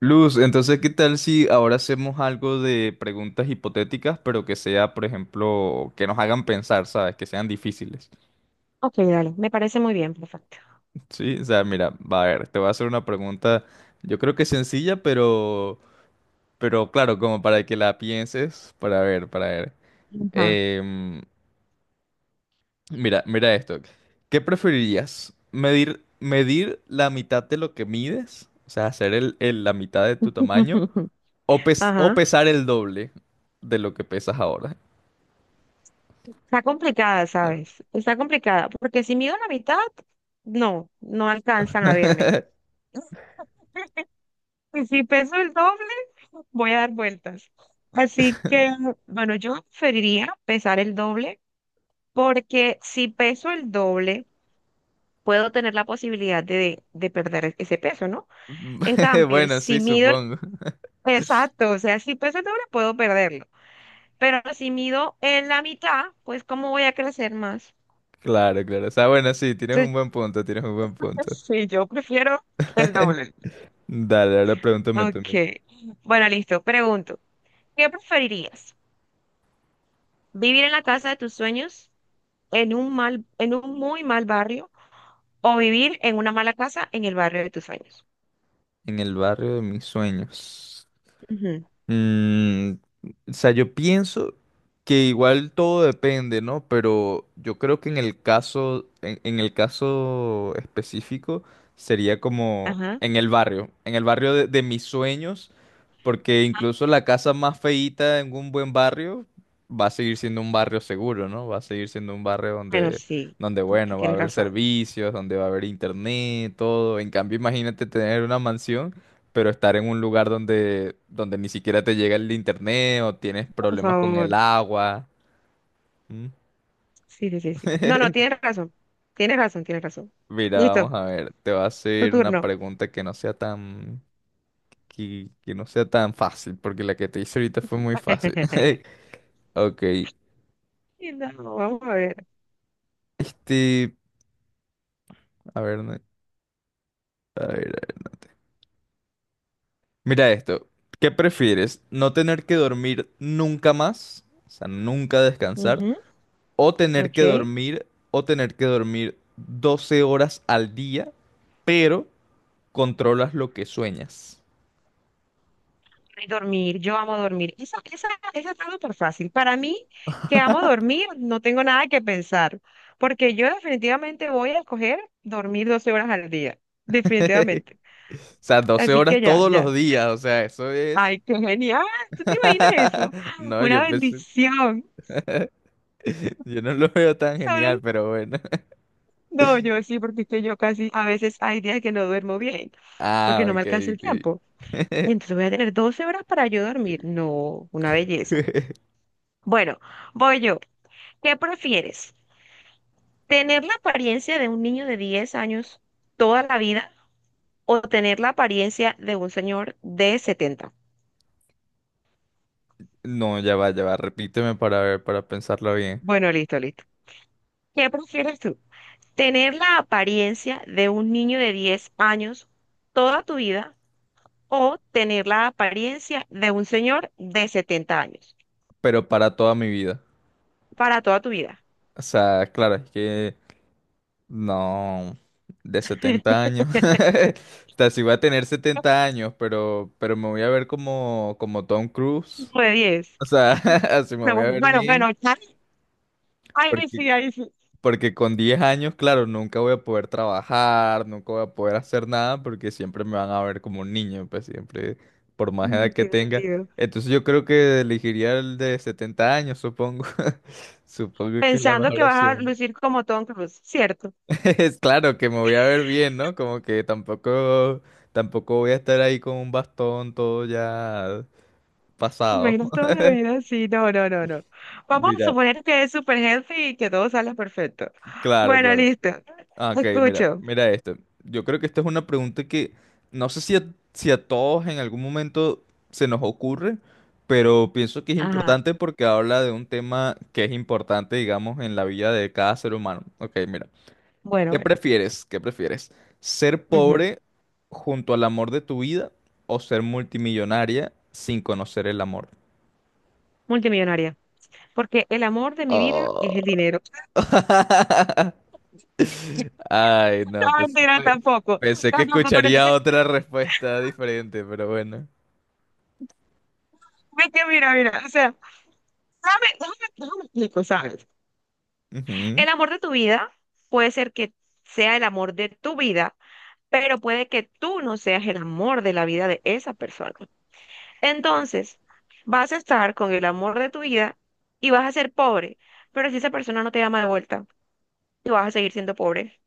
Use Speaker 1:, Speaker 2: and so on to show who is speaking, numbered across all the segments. Speaker 1: Luz, entonces, ¿qué tal si ahora hacemos algo de preguntas hipotéticas, pero que sea, por ejemplo, que nos hagan pensar, ¿sabes? Que sean difíciles.
Speaker 2: Ok, dale, me parece muy bien, perfecto.
Speaker 1: Sí, o sea, mira, va a ver, te voy a hacer una pregunta, yo creo que sencilla, pero claro, como para que la pienses, para ver, para ver.
Speaker 2: Ajá.
Speaker 1: Em, mira, mira esto. ¿Qué preferirías? ¿Medir, medir la mitad de lo que mides? O sea, hacer la mitad de tu tamaño, o
Speaker 2: Ajá.
Speaker 1: pesar el doble de lo que pesas ahora.
Speaker 2: Está complicada, ¿sabes? Está complicada, porque si mido la mitad, no, no alcanzan a verme. Y si peso el doble, voy a dar vueltas. Así que, bueno, yo preferiría pesar el doble, porque si peso el doble, puedo tener la posibilidad de perder ese peso, ¿no? En cambio,
Speaker 1: Bueno,
Speaker 2: si
Speaker 1: sí,
Speaker 2: mido, el-
Speaker 1: supongo.
Speaker 2: exacto, o sea, si peso el doble, puedo perderlo. Pero si mido en la mitad, pues ¿cómo voy a crecer más?
Speaker 1: Claro, claro. O sea, bueno, sí, tienes
Speaker 2: Entonces,
Speaker 1: un buen punto, tienes un buen punto.
Speaker 2: sí, yo prefiero el doble.
Speaker 1: Dale, ahora pregúntame tú.
Speaker 2: Ok.
Speaker 1: Miguel.
Speaker 2: Bueno, listo. Pregunto, ¿qué preferirías? ¿Vivir en la casa de tus sueños en un mal, en un muy mal barrio o vivir en una mala casa en el barrio de tus sueños?
Speaker 1: En el barrio de mis sueños.
Speaker 2: Ujú.
Speaker 1: Mm, o sea, yo pienso que igual todo depende, ¿no? Pero yo creo que en el caso, en el caso específico, sería como
Speaker 2: Ajá.
Speaker 1: en el barrio de mis sueños, porque incluso la casa más feíta en un buen barrio va a seguir siendo un barrio seguro, ¿no? Va a seguir siendo un barrio
Speaker 2: Bueno,
Speaker 1: donde,
Speaker 2: sí,
Speaker 1: donde
Speaker 2: sí, sí,
Speaker 1: bueno, va a
Speaker 2: tienes
Speaker 1: haber
Speaker 2: razón.
Speaker 1: servicios, donde va a haber internet, todo. En cambio, imagínate tener una mansión pero estar en un lugar donde, donde ni siquiera te llega el internet o tienes
Speaker 2: Por
Speaker 1: problemas con el
Speaker 2: favor.
Speaker 1: agua. ¿Mm?
Speaker 2: Sí, sí, sí, sí. No, no, tienes razón. Tienes razón, tienes razón.
Speaker 1: Mira, vamos
Speaker 2: Listo,
Speaker 1: a ver, te voy a
Speaker 2: tu
Speaker 1: hacer una
Speaker 2: turno.
Speaker 1: pregunta que no sea tan, que no sea tan fácil, porque la que te hice ahorita fue muy fácil. Ok,
Speaker 2: No, vamos a ver.
Speaker 1: este, a ver, a ver, a ver. Mira esto, ¿qué prefieres? ¿No tener que dormir nunca más? O sea, nunca descansar. O tener que
Speaker 2: Ok.
Speaker 1: dormir, o tener que dormir 12 horas al día, pero controlas lo que sueñas.
Speaker 2: Y dormir, yo amo dormir. Esa está súper fácil. Para mí, que amo dormir, no tengo nada que pensar, porque yo definitivamente voy a escoger dormir 12 horas al día, definitivamente.
Speaker 1: O sea, 12
Speaker 2: Así que
Speaker 1: horas
Speaker 2: ya,
Speaker 1: todos
Speaker 2: ya.
Speaker 1: los días, o sea, eso es...
Speaker 2: Ay, qué genial. ¿Tú te imaginas eso?
Speaker 1: No,
Speaker 2: Una
Speaker 1: yo pensé...
Speaker 2: bendición.
Speaker 1: Yo no lo veo tan genial,
Speaker 2: Solo-
Speaker 1: pero bueno.
Speaker 2: No, yo sí, porque es que yo casi a veces hay días que no duermo bien,
Speaker 1: Ah,
Speaker 2: porque no me alcanza el
Speaker 1: ok,
Speaker 2: tiempo.
Speaker 1: ok.
Speaker 2: Y entonces voy a tener 12 horas para yo dormir. No, una belleza. Bueno, voy yo. ¿Qué prefieres? ¿Tener la apariencia de un niño de 10 años toda la vida o tener la apariencia de un señor de 70?
Speaker 1: No, ya va, repíteme para ver, para pensarlo bien.
Speaker 2: Bueno, listo, listo. ¿Qué prefieres tú? ¿Tener la apariencia de un niño de 10 años toda tu vida o tener la apariencia de un señor de 70 años
Speaker 1: Pero para toda mi vida.
Speaker 2: para toda tu vida?
Speaker 1: O sea, claro, es que No, de 70 años. O sea, sí voy a tener 70 años, pero me voy a ver como, como Tom Cruise.
Speaker 2: Como de 10.
Speaker 1: O sea, así me voy
Speaker 2: Bueno,
Speaker 1: a ver
Speaker 2: bueno, bueno,
Speaker 1: bien,
Speaker 2: ya- Ay,
Speaker 1: porque,
Speaker 2: sí, ay, sí.
Speaker 1: porque con 10 años, claro, nunca voy a poder trabajar, nunca voy a poder hacer nada, porque siempre me van a ver como un niño, pues siempre, por más edad
Speaker 2: Mm,
Speaker 1: que
Speaker 2: tiene
Speaker 1: tenga.
Speaker 2: sentido.
Speaker 1: Entonces yo creo que elegiría el de 70 años, supongo. Supongo que es la
Speaker 2: Pensando
Speaker 1: mejor
Speaker 2: que vas a
Speaker 1: opción.
Speaker 2: lucir como Tom Cruise, ¿cierto?
Speaker 1: Es claro que me voy a ver bien, ¿no? Como que tampoco, tampoco voy a estar ahí con un bastón todo ya
Speaker 2: ¿Te
Speaker 1: pasado.
Speaker 2: imaginas toda la vida así? No, no, no, no. Vamos a
Speaker 1: Mira,
Speaker 2: suponer que es super healthy y que todo sale perfecto.
Speaker 1: claro,
Speaker 2: Bueno,
Speaker 1: claro.
Speaker 2: listo.
Speaker 1: Ah,
Speaker 2: Te
Speaker 1: ok, mira,
Speaker 2: escucho.
Speaker 1: mira esto. Yo creo que esta es una pregunta que no sé si a, todos en algún momento se nos ocurre, pero pienso que es
Speaker 2: Ajá.
Speaker 1: importante porque habla de un tema que es importante, digamos, en la vida de cada ser humano. Ok, mira.
Speaker 2: Bueno,
Speaker 1: ¿Qué
Speaker 2: bueno.
Speaker 1: prefieres? ¿Qué prefieres? ¿Ser
Speaker 2: Ujú.
Speaker 1: pobre junto al amor de tu vida o ser multimillonaria sin conocer el amor?
Speaker 2: Multimillonaria. Porque el amor de mi vida
Speaker 1: Oh.
Speaker 2: es el dinero.
Speaker 1: Ay, no,
Speaker 2: No,
Speaker 1: pues,
Speaker 2: mentira, tampoco.
Speaker 1: pensé que
Speaker 2: Tampoco, pero
Speaker 1: escucharía
Speaker 2: entonces,
Speaker 1: otra respuesta diferente, pero bueno.
Speaker 2: ve que mira, mira. O sea, déjame, déjame, déjame explico, ¿sabes?
Speaker 1: Ujú.
Speaker 2: El amor de tu vida puede ser que sea el amor de tu vida, pero puede que tú no seas el amor de la vida de esa persona. Entonces, vas a estar con el amor de tu vida y vas a ser pobre, pero si esa persona no te ama de vuelta, tú vas a seguir siendo pobre.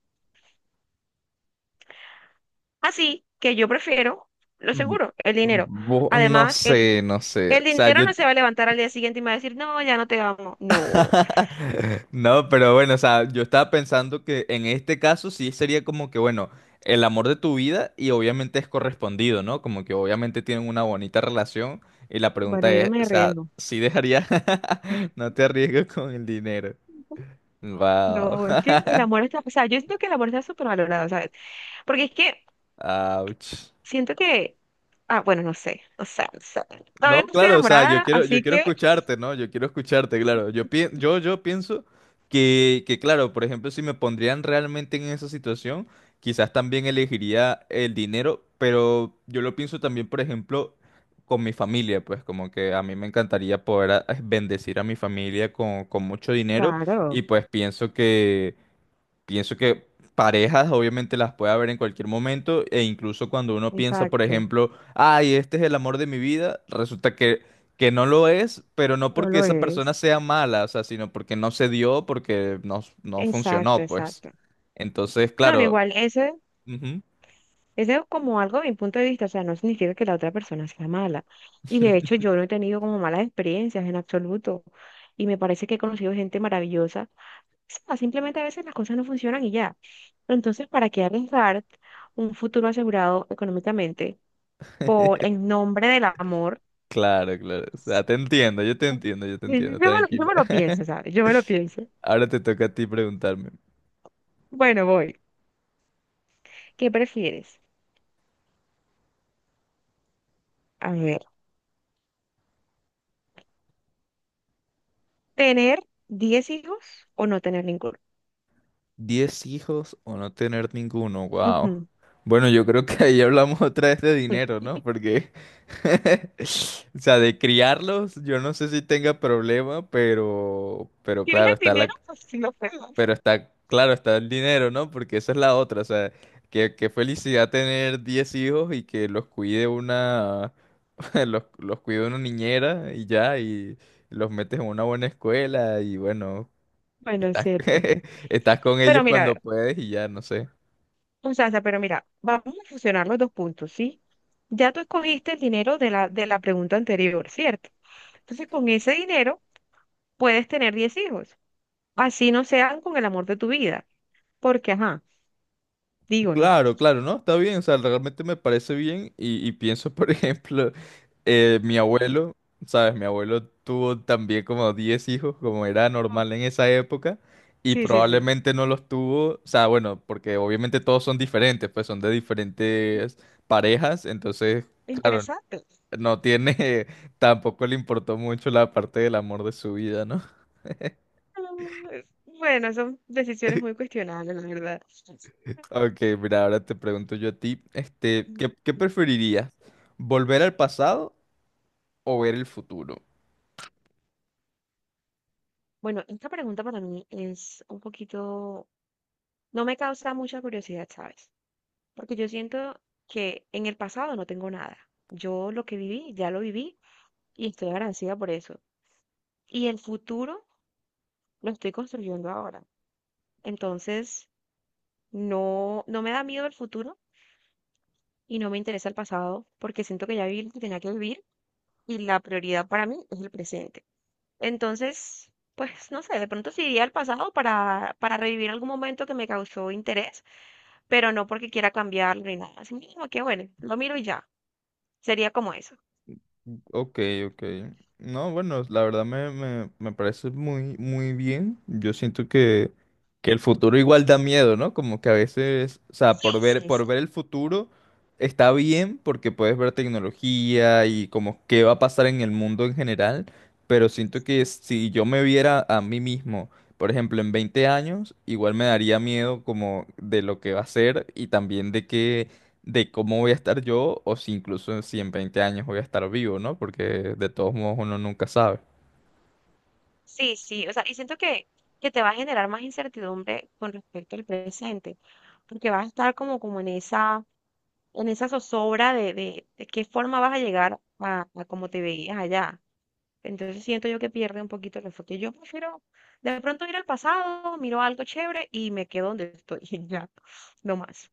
Speaker 2: Así que yo prefiero, lo
Speaker 1: Bu-
Speaker 2: seguro, el dinero.
Speaker 1: bu- No
Speaker 2: Además,
Speaker 1: sé, no sé.
Speaker 2: el
Speaker 1: O sea,
Speaker 2: dinero
Speaker 1: yo,
Speaker 2: no se va a levantar al día siguiente y me va a decir, no, ya no te amo. No,
Speaker 1: No, pero bueno, o sea, yo estaba pensando que en este caso sí sería como que, bueno, el amor de tu vida y obviamente es correspondido, ¿no? Como que obviamente tienen una bonita relación y la
Speaker 2: bueno,
Speaker 1: pregunta
Speaker 2: yo no
Speaker 1: es,
Speaker 2: me
Speaker 1: o sea,
Speaker 2: arriesgo.
Speaker 1: ¿sí dejaría? No te arriesgues con el dinero. Wow.
Speaker 2: No, es que el amor está, o sea, yo siento que el amor está súper valorado, ¿sabes? Porque es que
Speaker 1: Ouch.
Speaker 2: siento que, ah, bueno, no sé, o sea, no sé.
Speaker 1: No,
Speaker 2: Todavía no estoy
Speaker 1: claro, o sea,
Speaker 2: enamorada,
Speaker 1: yo
Speaker 2: así
Speaker 1: quiero
Speaker 2: que...
Speaker 1: escucharte, ¿no? Yo quiero escucharte, claro. Yo, yo pienso que, claro, por ejemplo, si me pondrían realmente en esa situación, quizás también elegiría el dinero, pero yo lo pienso también, por ejemplo, con mi familia, pues como que a mí me encantaría poder bendecir a mi familia con mucho dinero
Speaker 2: Claro,
Speaker 1: y pues pienso Pienso que parejas obviamente las puede haber en cualquier momento e incluso cuando uno piensa, por
Speaker 2: exacto.
Speaker 1: ejemplo, ay, este es el amor de mi vida, resulta que no lo es, pero no
Speaker 2: No
Speaker 1: porque
Speaker 2: lo
Speaker 1: esa persona
Speaker 2: es.
Speaker 1: sea mala, o sea, sino porque no se dio, porque no, no
Speaker 2: Exacto,
Speaker 1: funcionó, pues.
Speaker 2: exacto.
Speaker 1: Entonces,
Speaker 2: No, no,
Speaker 1: claro.
Speaker 2: igual, ese,
Speaker 1: Ujú.
Speaker 2: ese es como algo de mi punto de vista, o sea, no significa que la otra persona sea mala. Y de hecho, yo no he tenido como malas experiencias en absoluto. Y me parece que he conocido gente maravillosa. O sea, simplemente a veces las cosas no funcionan y ya. Entonces, ¿para qué arriesgar un futuro asegurado económicamente por en nombre del amor?
Speaker 1: Claro, claro. O sea, te entiendo, yo te entiendo, yo te entiendo,
Speaker 2: Yo
Speaker 1: tranquila.
Speaker 2: me lo pienso, ¿sabes? Yo me lo pienso.
Speaker 1: Ahora te toca a ti preguntarme.
Speaker 2: Bueno, voy. ¿Qué prefieres? A ver. ¿Tener 10 hijos o no tener ninguno?
Speaker 1: ¿10 hijos o no tener ninguno? Wow.
Speaker 2: Ujú.
Speaker 1: Bueno, yo creo que ahí hablamos otra vez de
Speaker 2: Uy,
Speaker 1: dinero, ¿no? Porque, o sea, de criarlos, yo no sé si tenga problema, pero
Speaker 2: ¿tienes
Speaker 1: claro,
Speaker 2: el
Speaker 1: está la,
Speaker 2: dinero? Pues sí lo pegas.
Speaker 1: pero está, claro, está el dinero, ¿no? Porque esa es la otra, o sea, que, qué felicidad tener 10 hijos y que los cuide una, los cuide una niñera y ya, y los metes en una buena escuela y bueno,
Speaker 2: Bueno, es
Speaker 1: Estás,
Speaker 2: cierto.
Speaker 1: estás con
Speaker 2: Pero
Speaker 1: ellos
Speaker 2: mira,
Speaker 1: cuando puedes y ya, no sé.
Speaker 2: pero mira, vamos a fusionar los dos puntos, ¿sí? Ya tú escogiste el dinero de la pregunta anterior, ¿cierto? Entonces, con ese dinero puedes tener 10 hijos. Así no sean con el amor de tu vida. Porque, ajá, digo, ¿no?
Speaker 1: Claro, claro, no, está bien, o sea, realmente me parece bien y pienso, por ejemplo, mi abuelo, ¿sabes? Mi abuelo tuvo también como 10 hijos, como era
Speaker 2: No.
Speaker 1: normal en esa época, y
Speaker 2: Sí, sí, sí.
Speaker 1: probablemente no los tuvo, o sea, bueno, porque obviamente todos son diferentes, pues son de diferentes parejas, entonces, claro,
Speaker 2: Interesante.
Speaker 1: no tiene, tampoco le importó mucho la parte del amor de su vida, ¿no?
Speaker 2: Ah, bueno, son decisiones muy cuestionables, la
Speaker 1: Ok, mira, ahora te pregunto yo a ti, este, ¿qué, qué
Speaker 2: verdad.
Speaker 1: preferirías? ¿Volver al pasado o ver el futuro?
Speaker 2: Bueno, esta pregunta para mí es un poquito, no me causa mucha curiosidad, ¿sabes? Porque yo siento que en el pasado no tengo nada. Yo lo que viví, ya lo viví y estoy agradecida por eso. Y el futuro lo estoy construyendo ahora. Entonces, no, no me da miedo el futuro y no me interesa el pasado porque siento que ya viví lo que tenía que vivir y la prioridad para mí es el presente. Entonces, pues no sé, de pronto sí iría al pasado para revivir algún momento que me causó interés pero no porque quiera cambiarlo ni nada. Así mismo que bueno, lo miro y ya. Sería como eso.
Speaker 1: Ok, ok. No, bueno, la verdad me parece muy, muy bien. Yo siento que el futuro igual da miedo, ¿no? Como que a veces, o sea,
Speaker 2: Sí, sí,
Speaker 1: por
Speaker 2: sí.
Speaker 1: ver el futuro está bien porque puedes ver tecnología y como qué va a pasar en el mundo en general, pero siento que
Speaker 2: Sí,
Speaker 1: si yo me viera a mí mismo, por ejemplo, en 20 años, igual me daría miedo como de lo que va a ser y también de que de cómo voy a estar yo o si incluso si en 20 años voy a estar vivo, ¿no? Porque de todos modos uno nunca sabe.
Speaker 2: sí, sí, o sea, y siento que te va a generar más incertidumbre con respecto al presente, porque vas a estar como, como en esa zozobra de qué forma vas a llegar a como te veías allá. Entonces siento yo que pierde un poquito el enfoque. Yo prefiero de pronto ir al pasado, miro algo chévere y me quedo donde estoy y ya, no más.